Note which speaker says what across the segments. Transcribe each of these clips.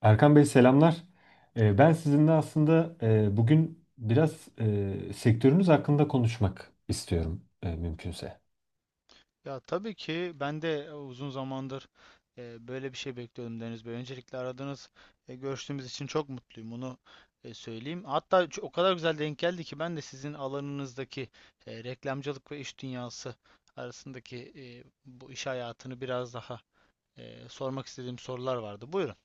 Speaker 1: Erkan Bey selamlar. Ben sizinle aslında bugün biraz sektörünüz hakkında konuşmak istiyorum mümkünse.
Speaker 2: Ya tabii ki ben de uzun zamandır böyle bir şey bekliyordum Deniz Bey. Öncelikle aradığınız, görüştüğümüz için çok mutluyum. Onu söyleyeyim. Hatta o kadar güzel denk geldi ki ben de sizin alanınızdaki reklamcılık ve iş dünyası arasındaki bu iş hayatını biraz daha sormak istediğim sorular vardı. Buyurun.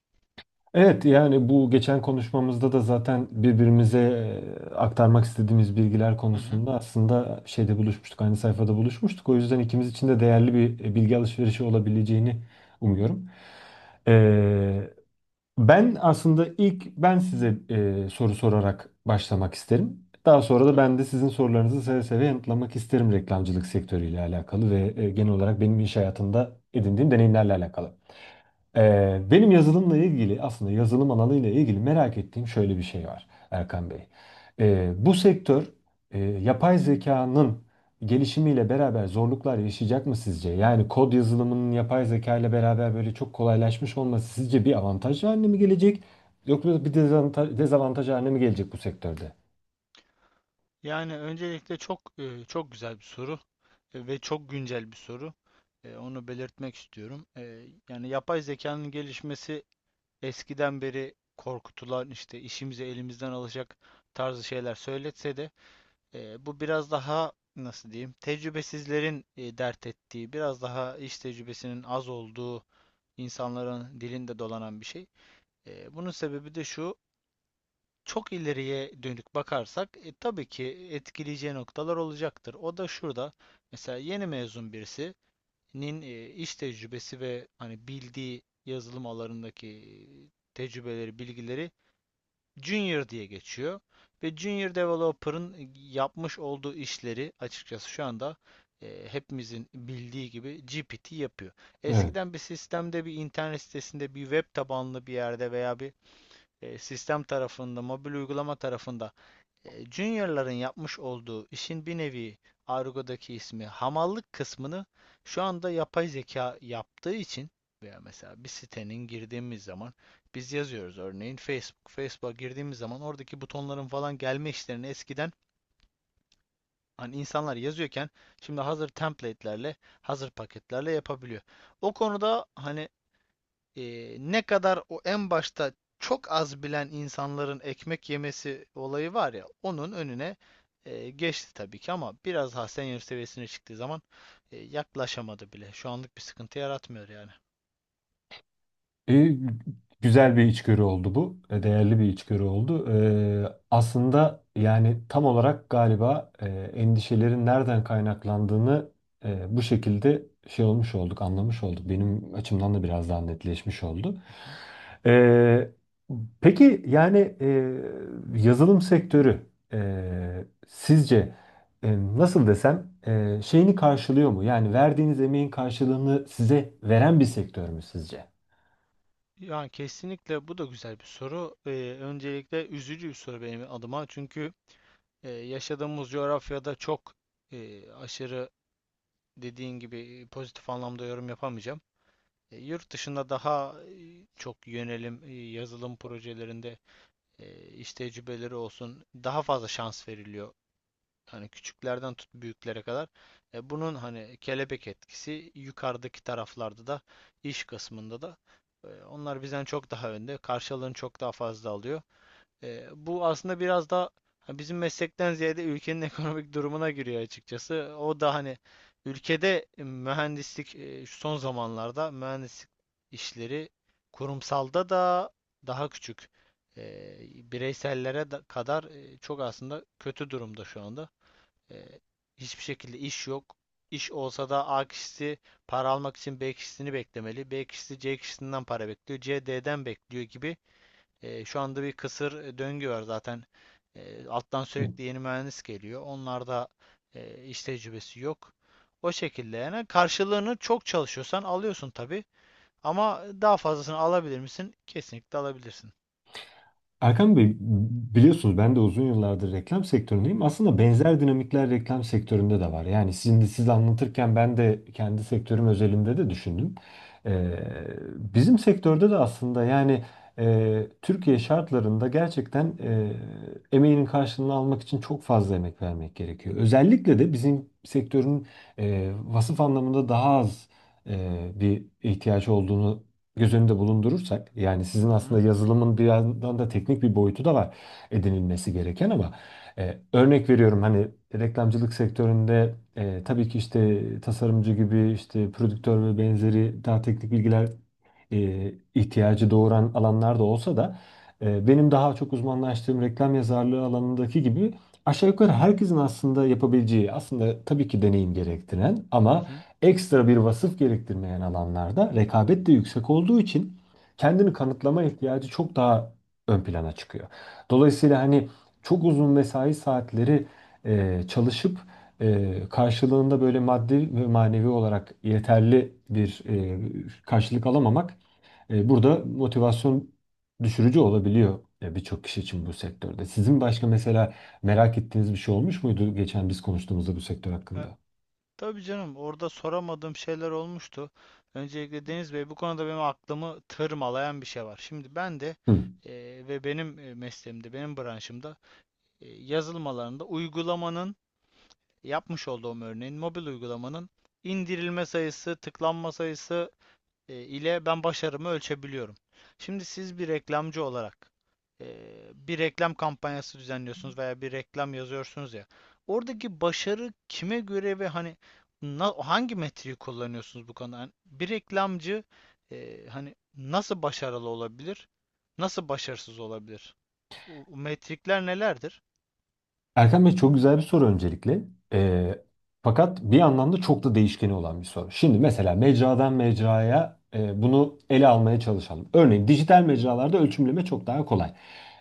Speaker 1: Evet yani bu geçen konuşmamızda da zaten birbirimize aktarmak istediğimiz bilgiler
Speaker 2: Hı hı,
Speaker 1: konusunda aslında şeyde buluşmuştuk, aynı sayfada buluşmuştuk. O yüzden ikimiz için de değerli bir bilgi alışverişi olabileceğini umuyorum. Ee, Ben aslında ilk size soru sorarak başlamak isterim. Daha sonra da ben
Speaker 2: tabii.
Speaker 1: de sizin sorularınızı seve seve yanıtlamak isterim reklamcılık sektörüyle alakalı ve genel olarak benim iş hayatımda edindiğim deneyimlerle alakalı. Benim yazılımla ilgili aslında yazılım alanıyla ilgili merak ettiğim şöyle bir şey var Erkan Bey. Bu sektör yapay zekanın gelişimiyle beraber zorluklar yaşayacak mı sizce? Yani kod yazılımının yapay zeka ile beraber böyle çok kolaylaşmış olması sizce bir avantaj haline mi gelecek? Yoksa bir dezavantaj, haline mi gelecek bu sektörde?
Speaker 2: Yani öncelikle çok güzel bir soru ve çok güncel bir soru. Onu belirtmek istiyorum. Yani yapay zekanın gelişmesi eskiden beri korkutulan işte işimizi elimizden alacak tarzı şeyler söyletse de bu biraz daha nasıl diyeyim tecrübesizlerin dert ettiği biraz daha iş tecrübesinin az olduğu insanların dilinde dolanan bir şey. Bunun sebebi de şu, çok ileriye dönük bakarsak tabii ki etkileyeceği noktalar olacaktır. O da şurada, mesela yeni mezun birisinin iş tecrübesi ve hani bildiği yazılım alanındaki tecrübeleri, bilgileri Junior diye geçiyor. Ve Junior Developer'ın yapmış olduğu işleri açıkçası şu anda hepimizin bildiği gibi GPT yapıyor.
Speaker 1: Evet.
Speaker 2: Eskiden bir sistemde, bir internet sitesinde, bir web tabanlı bir yerde veya bir sistem tarafında, mobil uygulama tarafında Junior'ların yapmış olduğu işin bir nevi argodaki ismi hamallık kısmını şu anda yapay zeka yaptığı için veya mesela bir sitenin girdiğimiz zaman biz yazıyoruz örneğin Facebook. Facebook'a girdiğimiz zaman oradaki butonların falan gelme işlerini eskiden hani insanlar yazıyorken şimdi hazır template'lerle, hazır paketlerle yapabiliyor. O konuda hani ne kadar o en başta çok az bilen insanların ekmek yemesi olayı var ya onun önüne geçti tabii ki ama biraz daha senior seviyesine çıktığı zaman yaklaşamadı bile. Şu anlık bir sıkıntı yaratmıyor yani.
Speaker 1: E, güzel bir içgörü oldu bu. E, değerli bir içgörü oldu. Aslında yani tam olarak galiba endişelerin nereden kaynaklandığını bu şekilde şey olmuş olduk, anlamış olduk. Benim açımdan da biraz daha netleşmiş oldu.
Speaker 2: Hı hı.
Speaker 1: E, peki yani yazılım sektörü sizce nasıl desem şeyini karşılıyor mu? Yani verdiğiniz emeğin karşılığını size veren bir sektör mü sizce?
Speaker 2: Yani kesinlikle bu da güzel bir soru. Öncelikle üzücü bir soru benim adıma çünkü yaşadığımız coğrafyada çok aşırı dediğin gibi pozitif anlamda yorum yapamayacağım. Yurt dışında daha çok yönelim yazılım projelerinde iş tecrübeleri olsun, daha fazla şans veriliyor. Hani küçüklerden tut büyüklere kadar. Bunun hani kelebek etkisi yukarıdaki taraflarda da, iş kısmında da onlar bizden çok daha önde. Karşılığını çok daha fazla alıyor. Bu aslında biraz da bizim meslekten ziyade ülkenin ekonomik durumuna giriyor açıkçası. O da hani ülkede mühendislik şu son zamanlarda mühendislik işleri kurumsalda da daha küçük. E, Bireysellere kadar çok aslında kötü durumda şu anda. E, Hiçbir şekilde iş yok. İş olsa da A kişisi para almak için B kişisini beklemeli. B kişisi C kişisinden para bekliyor. C D'den bekliyor gibi şu anda bir kısır döngü var zaten. Alttan sürekli yeni mühendis geliyor. Onlarda iş tecrübesi yok. O şekilde yani karşılığını çok çalışıyorsan alıyorsun tabii. Ama daha fazlasını alabilir misin? Kesinlikle alabilirsin.
Speaker 1: Erkan Bey biliyorsunuz ben de uzun yıllardır reklam sektöründeyim. Aslında
Speaker 2: Hı hı.
Speaker 1: benzer dinamikler reklam sektöründe de var. Yani sizin de siz anlatırken ben de kendi sektörüm özelinde de düşündüm. Ee, bizim sektörde de aslında yani Türkiye şartlarında gerçekten emeğinin karşılığını almak için çok fazla emek vermek gerekiyor. Özellikle de bizim sektörün vasıf anlamında daha az bir ihtiyaç olduğunu göz önünde bulundurursak yani sizin
Speaker 2: Hı hı.
Speaker 1: aslında yazılımın bir yandan da teknik bir boyutu da var edinilmesi gereken ama örnek veriyorum hani reklamcılık sektöründe tabii ki işte tasarımcı gibi işte prodüktör ve benzeri daha teknik bilgiler ihtiyacı doğuran alanlar da olsa da benim daha çok uzmanlaştığım reklam yazarlığı alanındaki gibi aşağı yukarı herkesin aslında yapabileceği aslında tabii ki deneyim gerektiren
Speaker 2: Hı
Speaker 1: ama
Speaker 2: hı.
Speaker 1: ekstra bir vasıf gerektirmeyen alanlarda rekabet de yüksek olduğu için kendini kanıtlama ihtiyacı çok daha ön plana çıkıyor. Dolayısıyla hani çok uzun mesai saatleri çalışıp karşılığında böyle maddi ve manevi olarak yeterli bir karşılık alamamak, burada motivasyon düşürücü olabiliyor birçok kişi için bu sektörde. Sizin başka mesela merak ettiğiniz bir şey olmuş muydu geçen biz konuştuğumuzda bu sektör
Speaker 2: E,
Speaker 1: hakkında?
Speaker 2: tabii canım, orada soramadığım şeyler olmuştu. Öncelikle Deniz Bey, bu konuda benim aklımı tırmalayan bir şey var. Şimdi ben de
Speaker 1: Hı.
Speaker 2: e, ve benim mesleğimde, benim branşımda yazılım alanında uygulamanın yapmış olduğum örneğin mobil uygulamanın indirilme sayısı, tıklanma sayısı ile ben başarımı ölçebiliyorum. Şimdi siz bir reklamcı olarak e, bir reklam kampanyası düzenliyorsunuz veya bir reklam yazıyorsunuz ya. Oradaki başarı kime göre ve hani hangi metriği kullanıyorsunuz bu konuda? Hani bir reklamcı hani nasıl başarılı olabilir? Nasıl başarısız olabilir? O metrikler nelerdir?
Speaker 1: Erkan Bey çok güzel bir soru öncelikle. Ee, fakat bir yandan da çok da değişkeni olan bir soru. Şimdi mesela mecradan mecraya bunu ele almaya çalışalım. Örneğin dijital mecralarda ölçümleme çok daha kolay.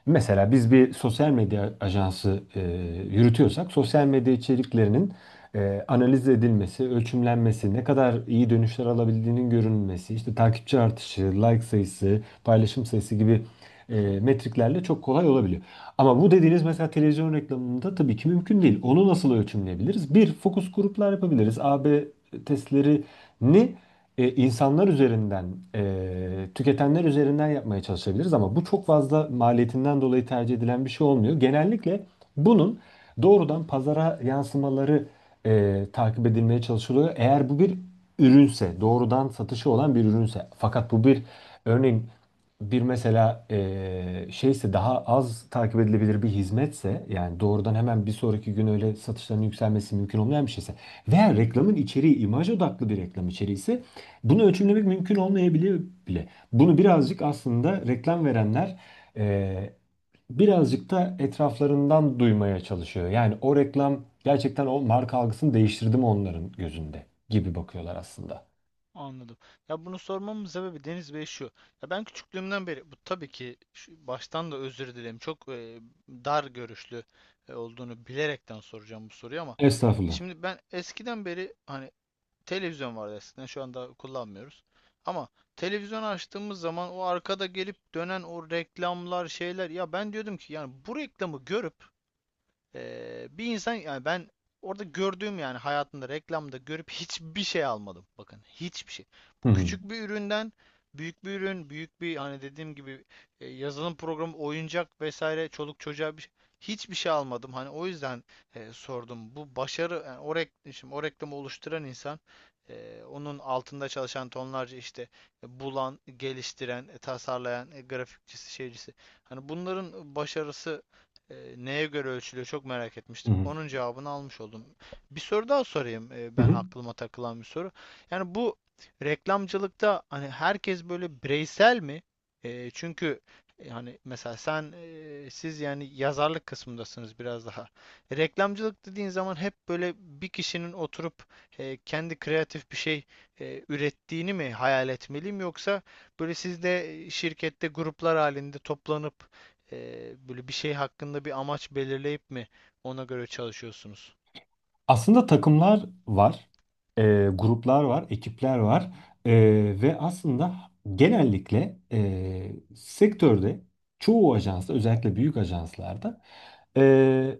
Speaker 1: Mesela biz bir sosyal medya ajansı yürütüyorsak sosyal medya içeriklerinin analiz edilmesi, ölçümlenmesi, ne kadar iyi dönüşler alabildiğinin görünmesi, işte takipçi artışı, like sayısı, paylaşım sayısı gibi
Speaker 2: Hı,
Speaker 1: metriklerle çok kolay olabiliyor. Ama bu dediğiniz mesela televizyon reklamında tabii ki mümkün değil. Onu nasıl ölçümleyebiliriz? Bir, fokus gruplar yapabiliriz. A B testlerini insanlar üzerinden, e, tüketenler üzerinden yapmaya çalışabiliriz ama bu çok fazla maliyetinden dolayı tercih edilen bir şey olmuyor. Genellikle bunun doğrudan pazara yansımaları takip edilmeye çalışılıyor. Eğer bu bir ürünse, doğrudan satışı olan bir ürünse. Fakat bu bir örneğin bir mesela şeyse daha az takip edilebilir bir hizmetse yani doğrudan hemen bir sonraki gün öyle satışların yükselmesi mümkün olmayan bir şeyse veya
Speaker 2: hı hı.
Speaker 1: reklamın içeriği imaj odaklı bir reklam içeriği bunu ölçümlemek mümkün olmayabiliyor bile. Bunu birazcık aslında reklam verenler e, birazcık da etraflarından duymaya çalışıyor. Yani o reklam gerçekten o marka algısını değiştirdi mi onların gözünde gibi bakıyorlar aslında.
Speaker 2: Anladım. Ya bunu sormamın sebebi Deniz Bey şu. Ya ben küçüklüğümden beri bu tabii ki baştan da özür dilerim. Çok dar görüşlü olduğunu bilerekten soracağım bu soruyu ama
Speaker 1: Estağfurullah.
Speaker 2: şimdi ben eskiden beri hani televizyon vardı eskiden, şu anda kullanmıyoruz. Ama televizyon açtığımız zaman o arkada gelip dönen o reklamlar şeyler ya, ben diyordum ki yani bu reklamı görüp bir insan yani ben orada gördüğüm yani hayatımda reklamda görüp hiçbir şey almadım. Bakın, hiçbir şey.
Speaker 1: Hı hı.
Speaker 2: Küçük bir üründen büyük bir ürün, büyük bir hani dediğim gibi yazılım programı, oyuncak vesaire çoluk çocuğa hiçbir şey almadım. Hani o yüzden sordum. Bu başarı yani şimdi o reklamı oluşturan insan onun altında çalışan tonlarca işte bulan, geliştiren, tasarlayan, grafikçisi, şeycisi. Hani bunların başarısı neye göre ölçülüyor çok merak
Speaker 1: Hı
Speaker 2: etmiştim.
Speaker 1: hı.
Speaker 2: Onun cevabını almış oldum. Bir soru daha sorayım,
Speaker 1: Hı
Speaker 2: ben
Speaker 1: hı.
Speaker 2: aklıma takılan bir soru. Yani bu reklamcılıkta hani herkes böyle bireysel mi? Çünkü yani mesela siz yani yazarlık kısmındasınız biraz daha. Reklamcılık dediğin zaman hep böyle bir kişinin oturup kendi kreatif bir şey ürettiğini mi hayal etmeliyim, yoksa böyle siz de şirkette gruplar halinde toplanıp böyle bir şey hakkında bir amaç belirleyip mi ona göre çalışıyorsunuz?
Speaker 1: Aslında takımlar var, e, gruplar var, ekipler
Speaker 2: Hı
Speaker 1: var.
Speaker 2: hı.
Speaker 1: E, ve aslında genellikle sektörde çoğu ajansta özellikle büyük ajanslarda e,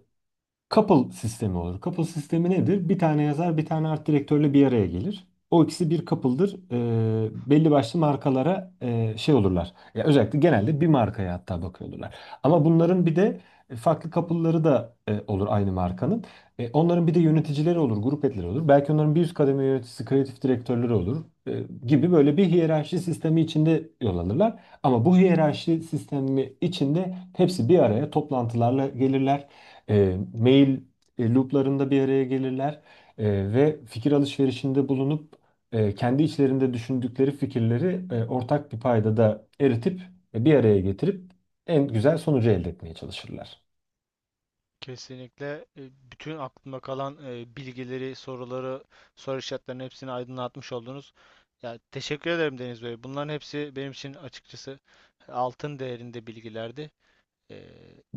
Speaker 1: couple sistemi olur. Couple sistemi nedir? Bir tane yazar, bir tane art direktörle bir araya gelir. O ikisi bir couple'dır. Belli başlı markalara şey olurlar. Ya özellikle genelde bir markaya hatta bakıyorlar. Ama bunların bir de farklı couple'ları da olur aynı markanın. Onların bir de yöneticileri olur, grup etleri olur. Belki onların bir üst kademe yöneticisi, kreatif direktörleri olur gibi böyle bir hiyerarşi sistemi içinde yol alırlar. Ama bu hiyerarşi sistemi içinde hepsi bir araya toplantılarla gelirler, mail looplarında bir araya gelirler, ve fikir alışverişinde bulunup kendi içlerinde düşündükleri fikirleri ortak bir payda da eritip bir araya getirip en güzel sonucu elde etmeye çalışırlar.
Speaker 2: Kesinlikle bütün aklımda kalan bilgileri, soruları, soru işaretlerinin hepsini aydınlatmış oldunuz. Ya teşekkür ederim Deniz Bey. Bunların hepsi benim için açıkçası altın değerinde bilgilerdi. Ee,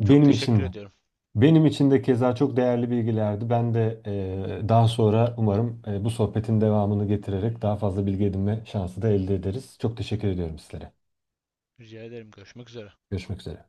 Speaker 2: çok teşekkür
Speaker 1: için de.
Speaker 2: ediyorum.
Speaker 1: Benim için de keza çok değerli bilgilerdi. Ben de daha sonra umarım bu sohbetin devamını getirerek daha fazla bilgi edinme şansı da elde ederiz. Çok teşekkür ediyorum sizlere.
Speaker 2: Rica ederim. Görüşmek üzere.
Speaker 1: Görüşmek üzere.